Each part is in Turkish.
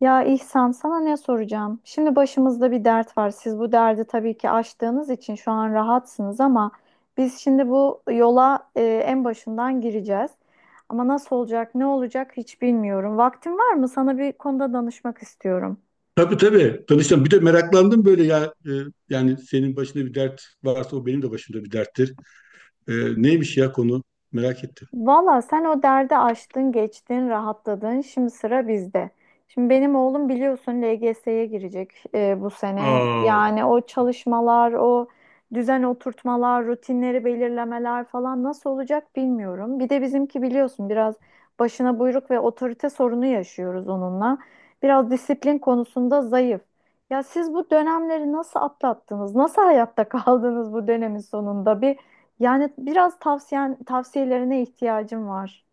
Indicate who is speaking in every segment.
Speaker 1: Ya İhsan sana ne soracağım? Şimdi başımızda bir dert var. Siz bu derdi tabii ki aştığınız için şu an rahatsınız ama biz şimdi bu yola en başından gireceğiz. Ama nasıl olacak, ne olacak hiç bilmiyorum. Vaktin var mı? Sana bir konuda danışmak istiyorum.
Speaker 2: Tabii, tabii. Danıştan bir de meraklandım böyle yani senin başında bir dert varsa o benim de başımda bir derttir. E, Neymiş ya konu? Merak ettim.
Speaker 1: Valla sen o derdi aştın, geçtin, rahatladın. Şimdi sıra bizde. Şimdi benim oğlum biliyorsun LGS'ye girecek bu sene.
Speaker 2: Aa.
Speaker 1: Yani o çalışmalar, o düzen oturtmalar, rutinleri belirlemeler falan nasıl olacak bilmiyorum. Bir de bizimki biliyorsun biraz başına buyruk ve otorite sorunu yaşıyoruz onunla. Biraz disiplin konusunda zayıf. Ya siz bu dönemleri nasıl atlattınız? Nasıl hayatta kaldınız bu dönemin sonunda? Yani biraz tavsiyelerine ihtiyacım var.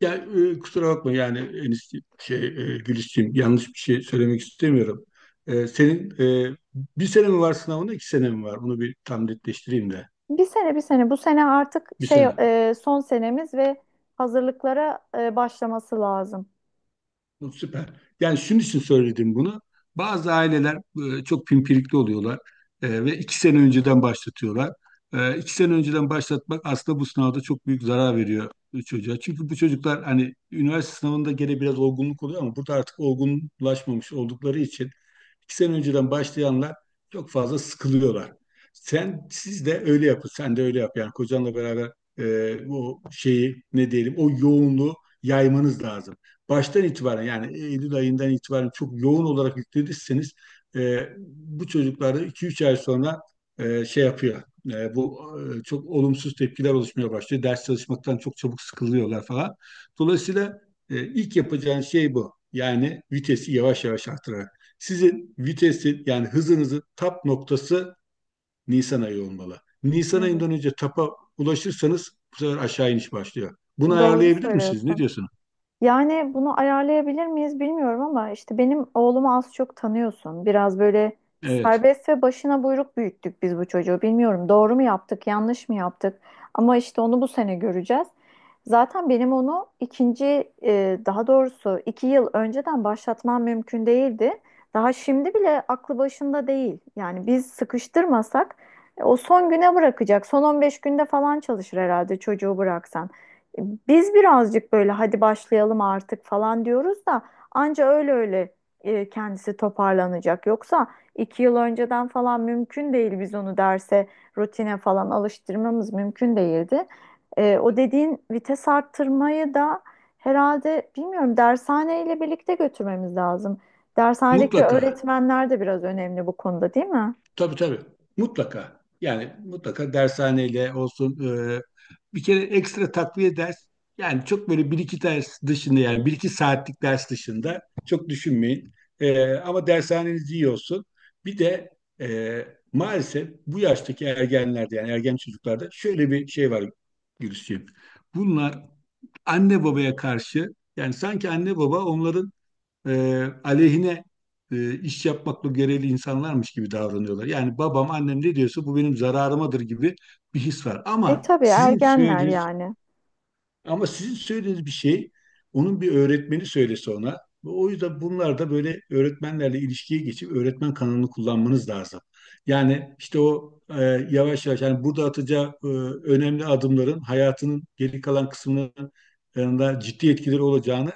Speaker 2: Ya kusura bakma yani Enis, Gülisciğim, yanlış bir şey söylemek istemiyorum. Senin e, bir sene mi var sınavında, iki sene mi var? Onu bir tam netleştireyim de.
Speaker 1: Bir sene, bu sene artık
Speaker 2: Bir
Speaker 1: şey,
Speaker 2: sene.
Speaker 1: son senemiz ve hazırlıklara başlaması lazım.
Speaker 2: Bu süper. Yani şunun için söyledim bunu. Bazı aileler çok pimpirikli oluyorlar ve iki sene önceden başlatıyorlar. İki sene önceden başlatmak aslında bu sınavda çok büyük zarar veriyor çocuğa. Çünkü bu çocuklar hani üniversite sınavında gene biraz olgunluk oluyor, ama burada artık olgunlaşmamış oldukları için İki sene önceden başlayanlar çok fazla sıkılıyorlar. Sen, siz de öyle yapın. Sen de öyle yap. Yani kocanla beraber o şeyi ne diyelim, o yoğunluğu yaymanız lazım. Baştan itibaren yani Eylül ayından itibaren çok yoğun olarak yüklediyseniz, e, bu çocuklarda iki üç ay sonra şey yapıyor. Bu çok olumsuz tepkiler oluşmaya başlıyor. Ders çalışmaktan çok çabuk sıkılıyorlar falan. Dolayısıyla ilk yapacağın şey bu. Yani vitesi yavaş yavaş arttırarak. Sizin vitesin yani hızınızın tap noktası Nisan ayı olmalı. Nisan ayından
Speaker 1: Evet.
Speaker 2: önce tapa ulaşırsanız bu sefer aşağı iniş başlıyor. Bunu
Speaker 1: Doğru
Speaker 2: ayarlayabilir misiniz? Ne
Speaker 1: söylüyorsun.
Speaker 2: diyorsunuz?
Speaker 1: Yani bunu ayarlayabilir miyiz bilmiyorum ama işte benim oğlumu az çok tanıyorsun. Biraz böyle
Speaker 2: Evet.
Speaker 1: serbest ve başına buyruk büyüttük biz bu çocuğu. Bilmiyorum doğru mu yaptık, yanlış mı yaptık? Ama işte onu bu sene göreceğiz. Zaten benim onu daha doğrusu iki yıl önceden başlatmam mümkün değildi. Daha şimdi bile aklı başında değil. Yani biz sıkıştırmasak o son güne bırakacak. Son 15 günde falan çalışır herhalde çocuğu bıraksan. Biz birazcık böyle hadi başlayalım artık falan diyoruz da anca öyle öyle kendisi toparlanacak. Yoksa iki yıl önceden falan mümkün değil biz onu derse rutine falan alıştırmamız mümkün değildi. O dediğin vites arttırmayı da herhalde bilmiyorum dershaneyle birlikte götürmemiz lazım. Dershanedeki
Speaker 2: Mutlaka.
Speaker 1: öğretmenler de biraz önemli bu konuda değil mi?
Speaker 2: Tabii, tabii. Mutlaka. Yani mutlaka dershaneyle olsun. e, Bir kere ekstra takviye ders. Yani çok böyle bir iki ders dışında, yani bir iki saatlik ders dışında çok düşünmeyin. Ama dershaneniz iyi olsun. Bir de e, maalesef bu yaştaki ergenlerde, yani ergen çocuklarda şöyle bir şey var Gülsüm. Bunlar anne babaya karşı, yani sanki anne baba onların aleyhine iş yapmakla görevli insanlarmış gibi davranıyorlar. Yani babam, annem ne diyorsa bu benim zararımadır gibi bir his var.
Speaker 1: E tabii ergenler yani.
Speaker 2: Ama sizin söylediğiniz bir şey onun bir öğretmeni söylese ona. O yüzden bunlar da böyle öğretmenlerle ilişkiye geçip öğretmen kanalını kullanmanız lazım. Yani işte yavaş yavaş, yani burada atacağı önemli adımların hayatının geri kalan kısmının yanında ciddi etkileri olacağını,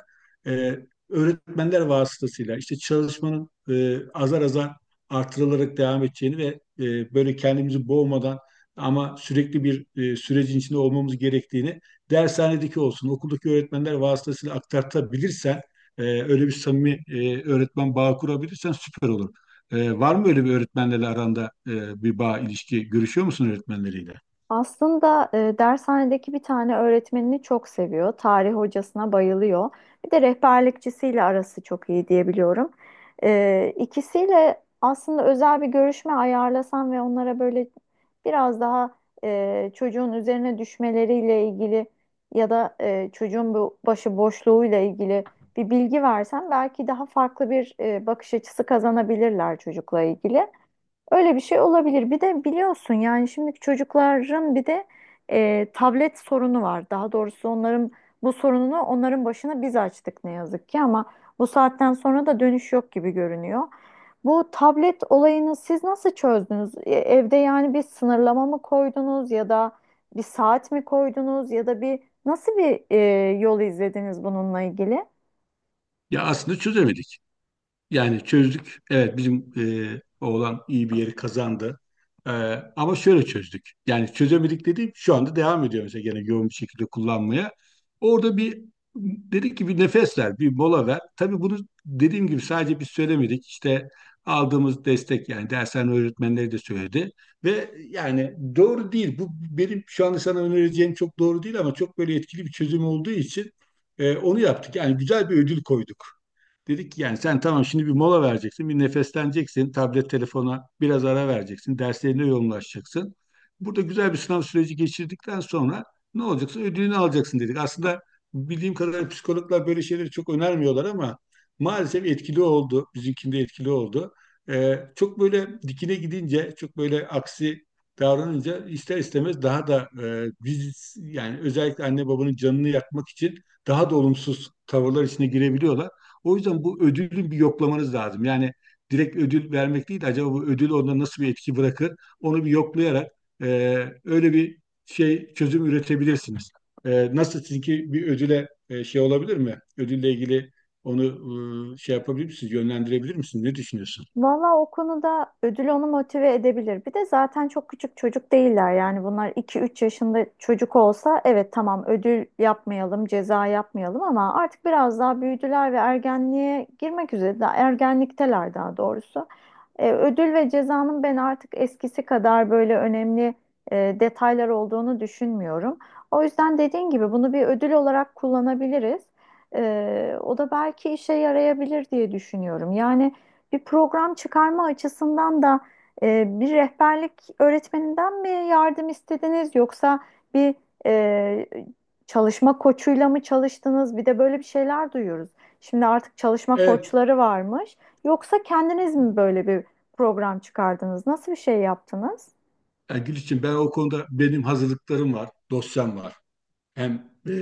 Speaker 2: e, öğretmenler vasıtasıyla işte çalışmanın, azar azar artırılarak devam edeceğini ve böyle kendimizi boğmadan ama sürekli bir sürecin içinde olmamız gerektiğini, dershanedeki olsun, okuldaki öğretmenler vasıtasıyla aktartabilirsen, öyle bir samimi öğretmen bağı kurabilirsen süper olur. Var mı böyle bir öğretmenlerle aranda bir bağ, ilişki, görüşüyor musun öğretmenleriyle?
Speaker 1: Aslında dershanedeki bir tane öğretmenini çok seviyor. Tarih hocasına bayılıyor. Bir de rehberlikçisiyle arası çok iyi diyebiliyorum. E, ikisiyle aslında özel bir görüşme ayarlasam ve onlara böyle biraz daha çocuğun üzerine düşmeleriyle ilgili ya da çocuğun bu başı boşluğuyla ilgili bir bilgi versem belki daha farklı bir bakış açısı kazanabilirler çocukla ilgili. Öyle bir şey olabilir. Bir de biliyorsun yani şimdiki çocukların bir de tablet sorunu var. Daha doğrusu onların bu sorununu onların başına biz açtık ne yazık ki ama bu saatten sonra da dönüş yok gibi görünüyor. Bu tablet olayını siz nasıl çözdünüz? Evde yani bir sınırlama mı koydunuz ya da bir saat mi koydunuz ya da nasıl bir yol izlediniz bununla ilgili?
Speaker 2: Ya aslında çözemedik. Yani çözdük. Evet, bizim oğlan iyi bir yeri kazandı. E, Ama şöyle çözdük. Yani çözemedik dediğim şu anda devam ediyor mesela, gene yoğun bir şekilde kullanmaya. Orada bir dedik ki bir nefes ver, bir mola ver. Tabii bunu, dediğim gibi, sadece biz söylemedik. İşte aldığımız destek, yani dershane öğretmenleri de söyledi. Ve yani doğru değil. Bu, benim şu anda sana önereceğim çok doğru değil ama çok böyle etkili bir çözüm olduğu için onu yaptık. Yani güzel bir ödül koyduk. Dedik ki yani sen tamam, şimdi bir mola vereceksin, bir nefesleneceksin, tablet telefona biraz ara vereceksin, derslerine yoğunlaşacaksın. Burada güzel bir sınav süreci geçirdikten sonra ne olacaksa ödülünü alacaksın dedik. Aslında bildiğim kadarıyla psikologlar böyle şeyleri çok önermiyorlar ama maalesef etkili oldu, bizimkinde etkili oldu. Çok böyle dikine gidince, çok böyle aksi davranınca ister istemez daha da biz yani, özellikle anne babanın canını yakmak için daha da olumsuz tavırlar içine girebiliyorlar. O yüzden bu ödülün bir yoklamanız lazım. Yani direkt ödül vermek değil de acaba bu ödül onda nasıl bir etki bırakır? Onu bir yoklayarak e, öyle bir şey çözüm üretebilirsiniz. Nasıl sizinki bir ödüle şey olabilir mi? Ödülle ilgili onu şey yapabilir misiniz? Yönlendirebilir misiniz? Ne düşünüyorsun?
Speaker 1: Valla o konuda ödül onu motive edebilir. Bir de zaten çok küçük çocuk değiller. Yani bunlar iki üç yaşında çocuk olsa evet tamam ödül yapmayalım, ceza yapmayalım ama artık biraz daha büyüdüler ve ergenliğe girmek üzere. Daha ergenlikteler daha doğrusu. Ödül ve cezanın ben artık eskisi kadar böyle önemli detaylar olduğunu düşünmüyorum. O yüzden dediğin gibi bunu bir ödül olarak kullanabiliriz. O da belki işe yarayabilir diye düşünüyorum. Yani bir program çıkarma açısından da bir rehberlik öğretmeninden mi yardım istediniz yoksa bir e, çalışma koçuyla mı çalıştınız? Bir de böyle bir şeyler duyuyoruz. Şimdi artık çalışma
Speaker 2: Evet.
Speaker 1: koçları varmış. Yoksa kendiniz mi böyle bir program çıkardınız? Nasıl bir şey yaptınız?
Speaker 2: Yani Gülçin, ben o konuda benim hazırlıklarım var, dosyam var. Hem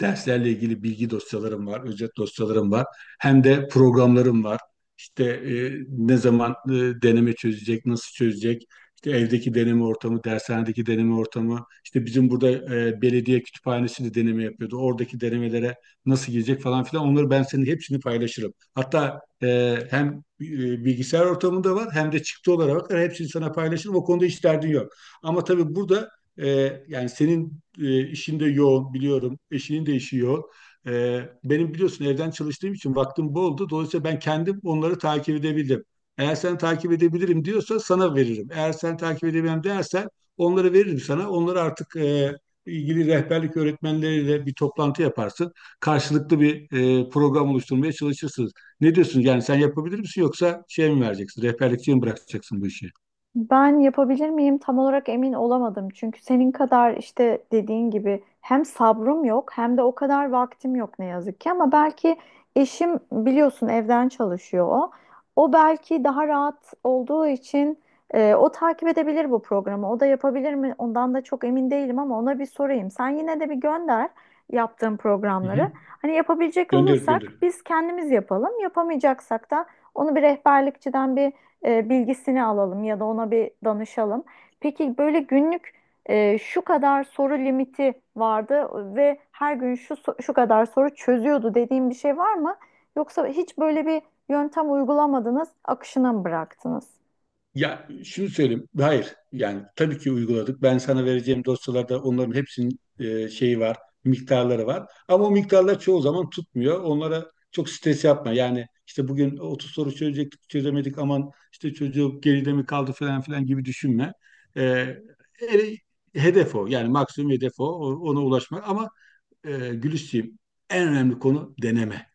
Speaker 2: derslerle ilgili bilgi dosyalarım var, özet dosyalarım var. Hem de programlarım var. İşte ne zaman deneme çözecek, nasıl çözecek, işte evdeki deneme ortamı, dershanedeki deneme ortamı, İşte bizim burada belediye kütüphanesi de deneme yapıyordu. Oradaki denemelere nasıl girecek falan filan. Onları ben senin hepsini paylaşırım. Hatta hem bilgisayar ortamında var hem de çıktı olarak var, hepsini sana paylaşırım. O konuda hiç derdin yok. Ama tabii burada yani senin işin de yoğun biliyorum. Eşinin de işi yoğun. Benim biliyorsun evden çalıştığım için vaktim bol oldu. Dolayısıyla ben kendim onları takip edebildim. Eğer sen takip edebilirim diyorsa sana veririm. Eğer sen takip edemem dersen onları veririm sana. Onları artık ilgili rehberlik öğretmenleriyle bir toplantı yaparsın. Karşılıklı bir program oluşturmaya çalışırsınız. Ne diyorsun? Yani sen yapabilir misin yoksa şey mi vereceksin? Rehberlikçiye mi bırakacaksın bu işi?
Speaker 1: Ben yapabilir miyim tam olarak emin olamadım. Çünkü senin kadar işte dediğin gibi hem sabrım yok hem de o kadar vaktim yok ne yazık ki. Ama belki eşim biliyorsun evden çalışıyor o. O belki daha rahat olduğu için o takip edebilir bu programı. O da yapabilir mi? Ondan da çok emin değilim ama ona bir sorayım. Sen yine de bir gönder yaptığın
Speaker 2: Hı
Speaker 1: programları.
Speaker 2: hı.
Speaker 1: Hani yapabilecek
Speaker 2: Gönderip
Speaker 1: olursak
Speaker 2: gönderip.
Speaker 1: biz kendimiz yapalım. Yapamayacaksak da onu bir rehberlikçiden bir bilgisini alalım ya da ona bir danışalım. Peki böyle günlük şu kadar soru limiti vardı ve her gün şu kadar soru çözüyordu dediğim bir şey var mı? Yoksa hiç böyle bir yöntem uygulamadınız, akışına mı bıraktınız?
Speaker 2: Ya şunu söyleyeyim. Hayır. Yani tabii ki uyguladık. Ben sana vereceğim dosyalarda onların hepsinin şeyi var, miktarları var. Ama o miktarlar çoğu zaman tutmuyor. Onlara çok stres yapma. Yani işte bugün 30 soru çözecektik, çözemedik. Aman işte çocuk geride mi kaldı falan filan gibi düşünme. E, ele- hedef o. Yani maksimum hedef o. Ona ulaşmak. Ama Gülisciğim, en önemli konu deneme,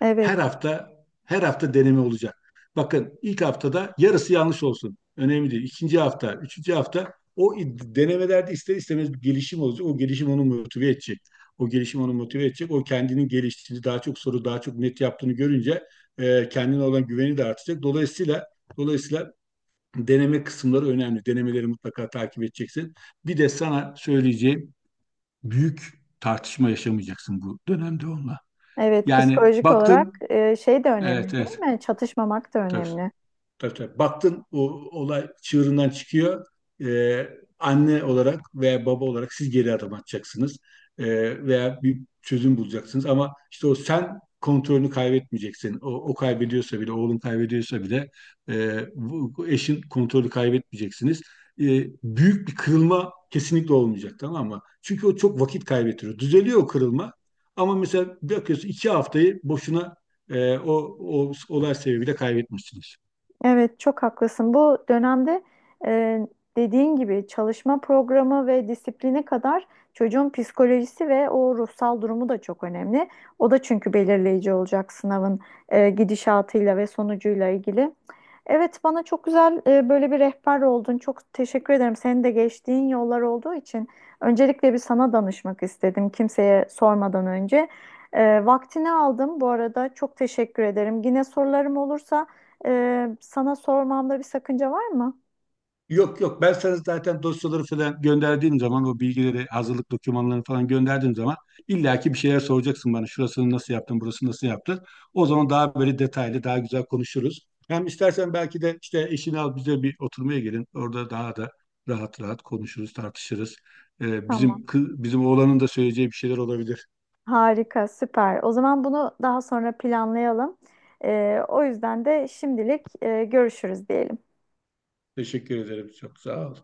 Speaker 1: Evet,
Speaker 2: her hafta her hafta deneme olacak. Bakın ilk haftada yarısı yanlış olsun. Önemli değil. İkinci hafta, üçüncü hafta o denemelerde ister istemez bir gelişim olacak. O gelişim onu motive edecek. O kendinin geliştiğini, daha çok soru, daha çok net yaptığını görünce kendine olan güveni de artacak. Dolayısıyla deneme kısımları önemli. Denemeleri mutlaka takip edeceksin. Bir de sana söyleyeceğim, büyük tartışma yaşamayacaksın bu dönemde onunla.
Speaker 1: evet,
Speaker 2: Yani
Speaker 1: psikolojik olarak
Speaker 2: baktın,
Speaker 1: şey de
Speaker 2: evet,
Speaker 1: önemli değil
Speaker 2: evet.
Speaker 1: mi? Çatışmamak da
Speaker 2: Tabii,
Speaker 1: önemli.
Speaker 2: tabii, tabii. Baktın o olay çığırından çıkıyor. Ee, Anne olarak veya baba olarak siz geri adım atacaksınız. Veya bir çözüm bulacaksınız. Ama işte o sen kontrolünü kaybetmeyeceksin. O, o kaybediyorsa bile, oğlun kaybediyorsa bile bu eşin kontrolü kaybetmeyeceksiniz. Ee, Büyük bir kırılma kesinlikle olmayacak, tamam mı? Çünkü o çok vakit kaybettiriyor. Düzeliyor o kırılma. Ama mesela bakıyorsun iki haftayı boşuna e, o, o olay sebebiyle kaybetmişsiniz.
Speaker 1: Evet, çok haklısın. Bu dönemde e, dediğin gibi çalışma programı ve disipline kadar çocuğun psikolojisi ve o ruhsal durumu da çok önemli. O da çünkü belirleyici olacak sınavın gidişatıyla ve sonucuyla ilgili. Evet, bana çok güzel böyle bir rehber oldun. Çok teşekkür ederim. Senin de geçtiğin yollar olduğu için öncelikle bir sana danışmak istedim kimseye sormadan önce. Vaktini aldım bu arada. Çok teşekkür ederim. Yine sorularım olursa sana sormamda bir sakınca var mı?
Speaker 2: Yok, yok, ben sana zaten dosyaları falan gönderdiğim zaman, o bilgileri hazırlık dokümanlarını falan gönderdiğim zaman illaki bir şeyler soracaksın bana, şurasını nasıl yaptın, burasını nasıl yaptın. O zaman daha böyle detaylı, daha güzel konuşuruz. Hem istersen belki de işte eşini al, bize bir oturmaya gelin, orada daha da rahat rahat konuşuruz, tartışırız. Bizim
Speaker 1: Tamam.
Speaker 2: bizim oğlanın da söyleyeceği bir şeyler olabilir.
Speaker 1: Harika, süper. O zaman bunu daha sonra planlayalım. O yüzden de şimdilik görüşürüz diyelim.
Speaker 2: Teşekkür ederim, çok sağ ol.